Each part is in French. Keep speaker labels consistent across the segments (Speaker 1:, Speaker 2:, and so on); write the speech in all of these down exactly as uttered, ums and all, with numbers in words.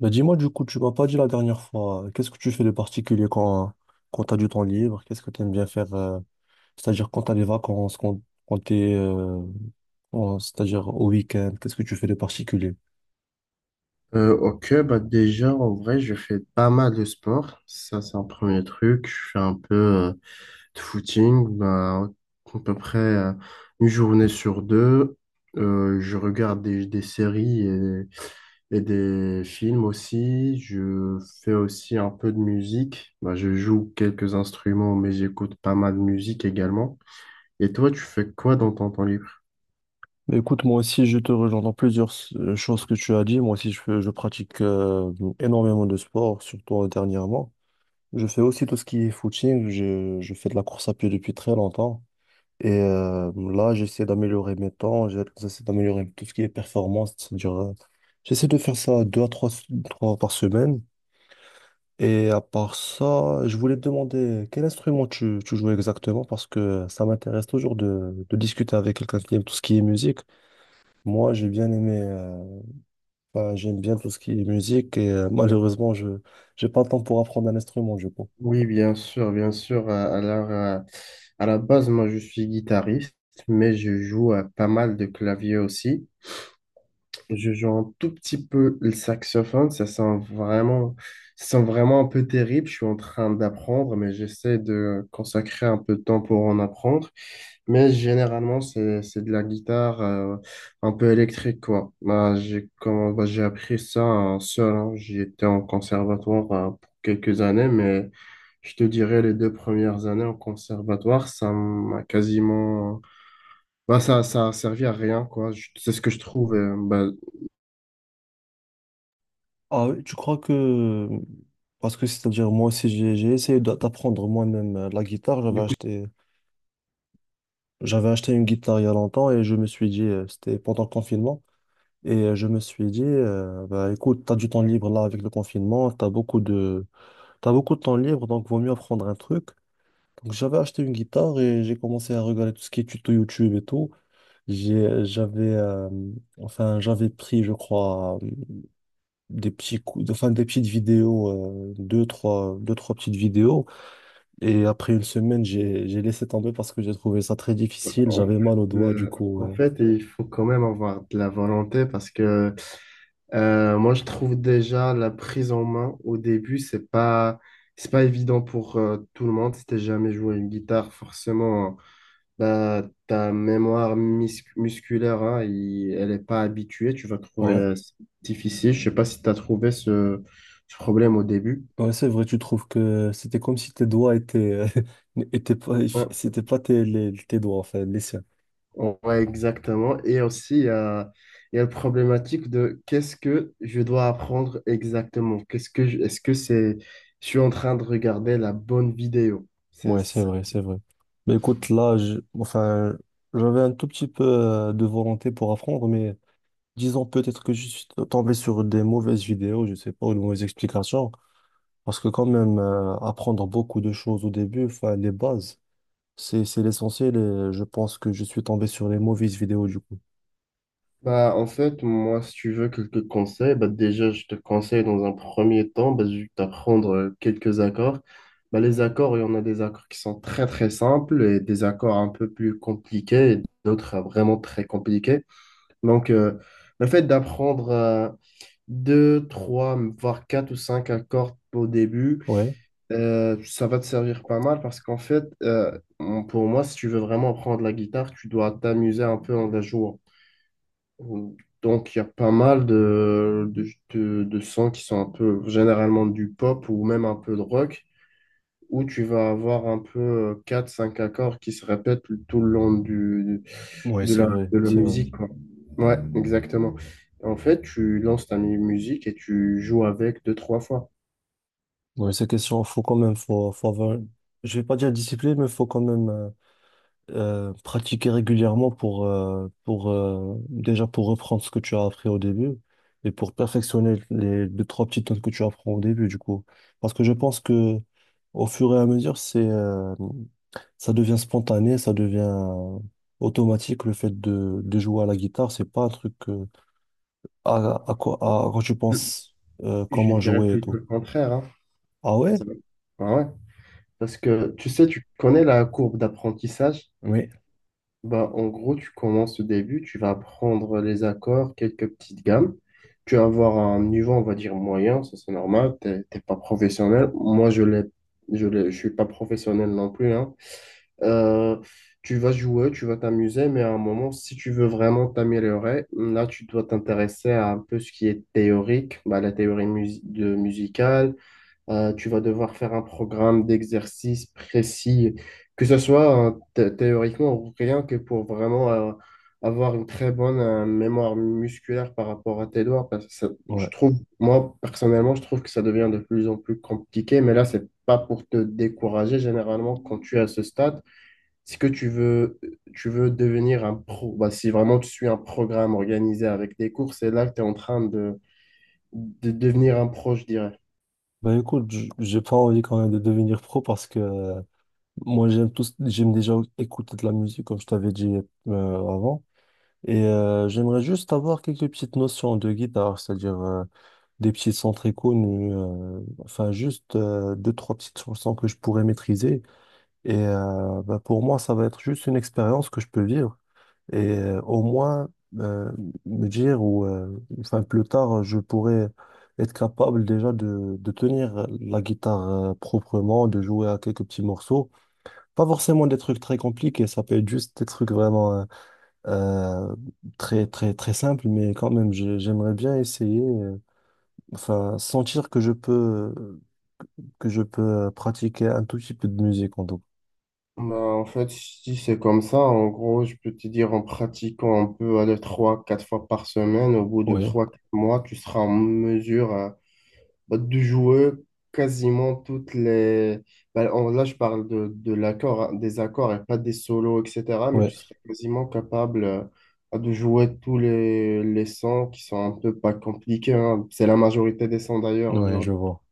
Speaker 1: Bah dis-moi du coup, tu m'as pas dit la dernière fois, euh, qu'est-ce que tu fais de particulier quand, quand tu as du temps libre? Qu'est-ce que tu aimes bien faire? Euh, c'est-à-dire quand tu as des vacances, quand, quand tu es, c'est-à-dire au week-end, qu'est-ce que tu fais de particulier?
Speaker 2: Euh, ok, bah déjà, en vrai, je fais pas mal de sport. Ça, c'est un premier truc. Je fais un peu euh, de footing, bah, à peu près euh, une journée sur deux. Euh, je regarde des, des séries et, et des films aussi. Je fais aussi un peu de musique. Bah, je joue quelques instruments, mais j'écoute pas mal de musique également. Et toi, tu fais quoi dans ton temps libre?
Speaker 1: Bah, écoute, moi aussi, je te rejoins dans plusieurs s- euh, choses que tu as dit. Moi aussi, je, fais- je pratique euh, énormément de sport, surtout euh, dernièrement. Je fais aussi tout ce qui est footing. Je, je fais de la course à pied depuis très longtemps. Et euh, là, j'essaie d'améliorer mes temps, j'ai- j'essaie d'améliorer tout ce qui est performance. C'est-à-dire, euh, j'essaie de faire ça deux à trois, trois par semaine. Et à part ça, je voulais te demander quel instrument tu, tu joues exactement parce que ça m'intéresse toujours de, de discuter avec quelqu'un qui aime tout ce qui est musique. Moi, j'ai bien aimé, euh, enfin, j'aime bien tout ce qui est musique et euh, malheureusement, je j'ai pas le temps pour apprendre un instrument, je pense.
Speaker 2: Oui, bien sûr, bien sûr. euh, Alors, euh, à à la base, moi, je suis guitariste, mais je joue euh, pas mal de clavier aussi. Je joue un tout petit peu le saxophone, ça sent vraiment, ça sent vraiment un peu terrible. Je suis en train d'apprendre, mais j'essaie de consacrer un peu de temps pour en apprendre. Mais généralement, c'est, c'est de la guitare euh, un peu électrique, quoi. Bah, j'ai comment, bah, j'ai appris ça euh, seul, hein. J'étais en conservatoire euh, pour quelques années, mais je te dirais les deux premières années en conservatoire, ça m'a quasiment... Bah, ça, ça a servi à rien, quoi. Je- C'est ce que je trouve. Euh, bah,
Speaker 1: Ah, tu crois que... Parce que c'est-à-dire moi aussi j'ai j'ai essayé d'a- d'apprendre moi-même euh, la guitare. J'avais
Speaker 2: du coup,
Speaker 1: acheté, j'avais acheté une guitare il y a longtemps et je me suis dit, euh, c'était pendant le confinement, et euh, je me suis dit, euh, bah, écoute, t'as du temps libre là avec le confinement, t'as beaucoup de, t'as beaucoup de temps libre, donc vaut mieux apprendre un truc. Donc j'avais acheté une guitare et j'ai commencé à regarder tout ce qui est tuto YouTube et tout. J'ai, j'avais, euh, enfin, j'avais pris, je crois, des petits coups, enfin des petites vidéos, euh, deux, trois, deux, trois petites vidéos. Et après une semaine, j'ai, j'ai laissé tomber parce que j'ai trouvé ça très
Speaker 2: En
Speaker 1: difficile. J'avais mal aux doigts,
Speaker 2: euh,
Speaker 1: du coup.
Speaker 2: en
Speaker 1: euh.
Speaker 2: fait, il faut quand même avoir de la volonté parce que euh, moi, je trouve déjà la prise en main au début, c'est pas, c'est pas évident pour euh, tout le monde. Si t'as jamais joué une guitare, forcément, bah, ta mémoire mis- musculaire, hein, il- elle est pas habituée. Tu vas trouver
Speaker 1: Ouais.
Speaker 2: euh, difficile. Je sais pas si tu as trouvé ce, ce problème au début.
Speaker 1: Ouais, c'est vrai, tu trouves que c'était comme si tes doigts étaient, euh, étaient pas,
Speaker 2: Ouais.
Speaker 1: c'était pas tes, les- tes doigts, enfin, les siens.
Speaker 2: Ouais, exactement. Et aussi, il y a, il y a la problématique de qu'est-ce que je dois apprendre exactement? Qu'est-ce que je- est-ce que c'est, je suis en train de regarder la bonne vidéo? C'est
Speaker 1: Ouais, c'est
Speaker 2: ça.
Speaker 1: vrai, c'est vrai. Mais écoute, là, je- enfin, j'avais un tout petit peu euh, de volonté pour apprendre, mais disons peut-être que je suis tombé sur des mauvaises vidéos, je sais pas, ou de mauvaises explications. Parce que quand même, euh, apprendre beaucoup de choses au début, enfin, les bases, c'est, c'est l'essentiel et je pense que je suis tombé sur les mauvaises vidéos du coup.
Speaker 2: Bah, en fait, moi, si tu veux quelques conseils, bah, déjà, je te conseille dans un premier temps bah, juste d'apprendre euh, quelques accords. Bah, les accords, il y en a des accords qui sont très, très simples et des accords un peu plus compliqués et d'autres euh, vraiment très compliqués. Donc, euh, le fait d'apprendre euh, deux, trois, voire quatre ou cinq accords au début,
Speaker 1: Ouais,
Speaker 2: euh, ça va te servir pas mal parce qu'en fait, euh, on- pour moi, si tu veux vraiment apprendre la guitare, tu dois t'amuser un peu en la jouant. Donc, il y a pas mal de, de, de, de sons qui sont un peu généralement du pop ou même un peu de rock où tu vas avoir un peu euh, quatre cinq accords qui se répètent tout le long du,
Speaker 1: ouais,
Speaker 2: de
Speaker 1: c'est
Speaker 2: la,
Speaker 1: vrai,
Speaker 2: de la
Speaker 1: c'est vrai.
Speaker 2: musique, quoi. Ouais, exactement. En fait, tu lances ta mu- musique et tu joues avec deux, trois fois.
Speaker 1: Ouais, ces questions, faut quand même, faut, faut avoir, je vais pas dire discipline, mais faut quand même euh, euh, pratiquer régulièrement pour, euh, pour euh, déjà pour reprendre ce que tu as appris au début et pour perfectionner les deux, trois petites notes que tu apprends au début, du coup. Parce que je pense que au fur et à mesure, c'est, euh, ça devient spontané, ça devient euh, automatique le fait de, de jouer à la guitare. C'est pas un truc euh, à, à quoi, à quoi tu penses euh,
Speaker 2: Je
Speaker 1: comment
Speaker 2: dirais
Speaker 1: jouer et
Speaker 2: plutôt
Speaker 1: tout.
Speaker 2: le contraire, hein.
Speaker 1: Ah ouais?
Speaker 2: Ça va- Ah ouais. Parce que tu sais, tu connais la courbe d'apprentissage.
Speaker 1: Oui.
Speaker 2: Bah, en gros, tu commences au début, tu vas prendre les accords, quelques petites gammes. Tu vas avoir un niveau, on va dire, moyen, ça c'est normal, t'es t'es pas professionnel. Moi, je l'ai, je l'ai- je suis pas professionnel non plus, hein. Euh, Tu vas jouer, tu vas t'amuser, mais à un moment, si tu veux vraiment t'améliorer, là, tu dois t'intéresser à un peu ce qui est théorique, bah, la théorie mus- de musicale, euh, tu vas devoir faire un programme d'exercice précis, que ce soit euh, thé- théoriquement ou rien que pour vraiment euh, avoir une très bonne euh, mémoire musculaire par rapport à tes doigts. Parce que ça-
Speaker 1: Ouais.
Speaker 2: je trouve, moi, personnellement, je trouve que ça devient de plus en plus compliqué, mais là, c'est pas pour te décourager. Généralement, quand tu es à ce stade, si que tu veux, tu veux devenir un pro, bah, si vraiment tu suis un programme organisé avec des cours, c'est là que tu es en train de, de devenir un pro, je dirais.
Speaker 1: Bah écoute, j- j'ai pas envie quand même de devenir pro parce que euh, moi, j'aime tous, j'aime déjà écouter de la musique, comme je t'avais dit euh, avant. Et euh, j'aimerais juste avoir quelques petites notions de guitare, c'est-à-dire euh, des petits sons très connus, euh, enfin juste euh, deux, trois petites chansons que je pourrais maîtriser. Et euh, bah, pour moi, ça va être juste une expérience que je peux vivre. Et euh, au moins euh, me dire, ou euh, enfin plus tard, je pourrais être capable déjà de, de tenir la guitare euh, proprement, de jouer à quelques petits morceaux. Pas forcément des trucs très compliqués, ça peut être juste des trucs vraiment euh, euh, très très très simples, mais quand même j'ai- j'aimerais bien essayer, euh, enfin sentir que je peux euh, que je peux euh, pratiquer un tout petit peu de musique en tout.
Speaker 2: Bah, en fait, si c'est comme ça, en gros, je peux te dire en pratiquant un peu, aller trois, quatre fois par semaine, au bout de
Speaker 1: Oui,
Speaker 2: trois, quatre mois, tu seras en mesure euh, bah, de jouer quasiment toutes les. Bah, en- là, je parle de, de l'accord, hein, des accords et pas des solos, et cetera. Mais
Speaker 1: oui,
Speaker 2: tu serais quasiment capable euh, de jouer tous les, les sons qui sont un peu pas compliqués, hein. C'est la majorité des sons d'ailleurs
Speaker 1: oui, je
Speaker 2: aujourd'hui.
Speaker 1: vois.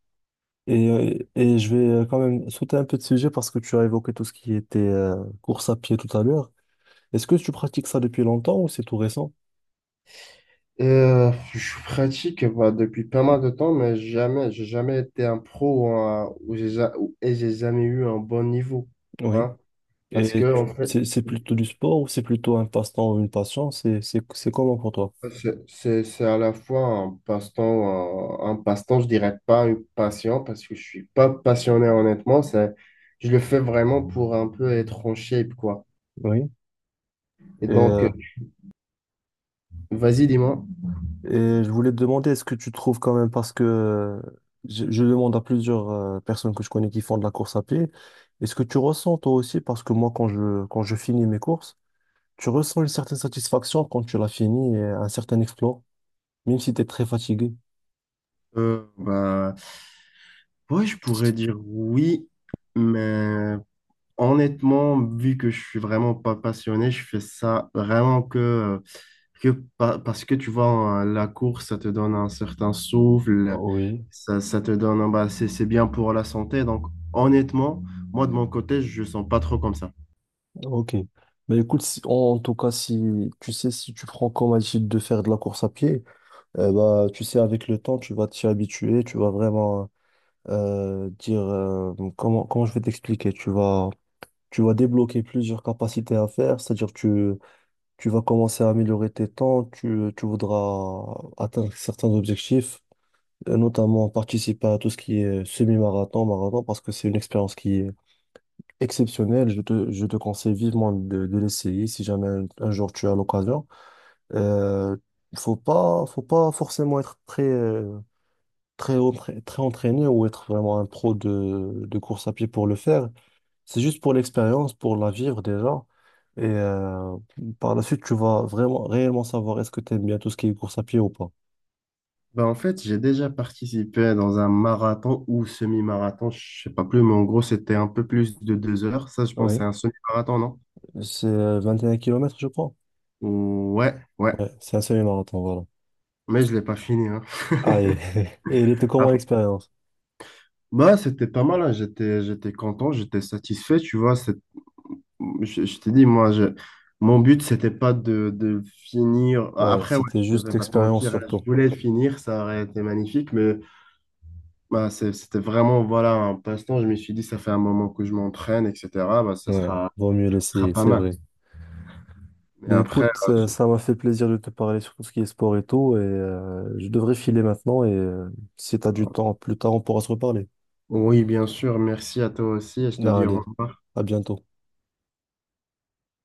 Speaker 1: Et, euh, et je vais euh, quand même sauter un peu de sujet parce que tu as évoqué tout ce qui était euh, course à pied tout à l'heure. Est-ce que tu pratiques ça depuis longtemps ou c'est tout récent?
Speaker 2: Euh, je pratique bah, depuis pas mal de temps, mais jamais, j'ai jamais été un pro ou un- ou j'ai ja- ou- et j'ai jamais eu un bon niveau.
Speaker 1: Oui.
Speaker 2: Hein, parce
Speaker 1: Et
Speaker 2: que, en
Speaker 1: tu-
Speaker 2: fait,
Speaker 1: c'est c'est plutôt du sport ou c'est plutôt un passe-temps ou une passion? C'est c'est c'est comment pour toi?
Speaker 2: c'est c'est- c'est à la fois un passe-temps, un, un passe-temps, je dirais pas une passion, parce que je suis pas passionné, honnêtement. C'est, je le fais vraiment pour un peu être en shape, quoi.
Speaker 1: Oui.
Speaker 2: Et
Speaker 1: Et,
Speaker 2: donc,
Speaker 1: euh,
Speaker 2: euh, vas-y, dis-moi.
Speaker 1: et je voulais te demander, est-ce que tu trouves quand même, parce que euh, je, je demande à plusieurs euh, personnes que je connais qui font de la course à pied, est-ce que tu ressens toi aussi, parce que moi, quand je, quand je finis mes courses, tu ressens une certaine satisfaction quand tu l'as fini et un certain exploit, même si tu es très fatigué.
Speaker 2: Euh, bah, ouais, je pourrais dire oui, mais. Honnêtement, vu que je suis vraiment pas passionné, je fais ça vraiment que, euh, que pa- parce que tu vois, hein, la course, ça te donne un certain souffle,
Speaker 1: Oui,
Speaker 2: ça, ça te donne, un- bah, c'est, c'est bien pour la santé. Donc, honnêtement, moi, de mon côté, je sens pas trop comme ça.
Speaker 1: ok. Mais écoute, si- en, en tout cas, si tu sais, si tu prends comme habitude de faire de la course à pied, eh bah, tu sais, avec le temps, tu vas t'y habituer, tu vas vraiment euh, dire euh, comment, comment je vais t'expliquer. Tu vas, tu vas, débloquer plusieurs capacités à faire, c'est-à-dire tu, tu vas commencer à améliorer tes temps, tu, tu voudras atteindre certains objectifs, euh, notamment participer à tout ce qui est semi-marathon, marathon, parce que c'est une expérience qui est exceptionnelle. Je te, je te conseille vivement de, de l'essayer si jamais un, un jour tu as l'occasion. Euh, faut pas, faut pas forcément être très euh, très, entra- très entraîné ou être vraiment un pro de, de course à pied pour le faire. C'est juste pour l'expérience, pour la vivre déjà. Et euh, par la suite, tu vas vraiment réellement savoir est-ce que tu aimes bien tout ce qui est course à pied ou pas.
Speaker 2: Ben, en fait, j'ai déjà participé dans un marathon ou semi-marathon, je sais pas plus, mais en gros, c'était un peu plus de deux heures. Ça, je pense, c'est
Speaker 1: Oui,
Speaker 2: un semi-marathon, non?
Speaker 1: c'est euh, vingt et un kilomètres, je crois.
Speaker 2: Ouais, ouais.
Speaker 1: Ouais, c'est un semi-marathon, voilà.
Speaker 2: Mais je l'ai pas fini, hein.
Speaker 1: Ah, et, et il était comment l'expérience?
Speaker 2: Bah, c'était pas mal, hein. J'étais, j'étais content, j'étais satisfait, tu vois. C'est- Je, je t'ai dit, moi, je- mon but, c'était pas de, de finir.
Speaker 1: Ouais,
Speaker 2: Après, ouais,
Speaker 1: c'était
Speaker 2: je ne vais
Speaker 1: juste
Speaker 2: pas te
Speaker 1: l'expérience
Speaker 2: mentir, hein, je
Speaker 1: surtout.
Speaker 2: voulais finir, ça aurait été magnifique, mais bah, c'est- c'était vraiment, voilà, un passe-temps. Je me suis dit, ça fait un moment que je m'entraîne, et cetera. Bah, ça
Speaker 1: Ouais,
Speaker 2: sera,
Speaker 1: vaut mieux
Speaker 2: Ça sera
Speaker 1: l'essayer,
Speaker 2: pas
Speaker 1: c'est
Speaker 2: mal.
Speaker 1: vrai.
Speaker 2: Mais
Speaker 1: Ben
Speaker 2: après,
Speaker 1: écoute,
Speaker 2: euh,
Speaker 1: euh,
Speaker 2: je-
Speaker 1: ça m'a fait plaisir de te parler sur tout ce qui est sport et tout, et euh, je devrais filer maintenant, et euh, si t'as du temps plus tard, on pourra se reparler.
Speaker 2: oui, bien sûr, merci à toi aussi et je te dis au
Speaker 1: Allez,
Speaker 2: revoir.
Speaker 1: à bientôt.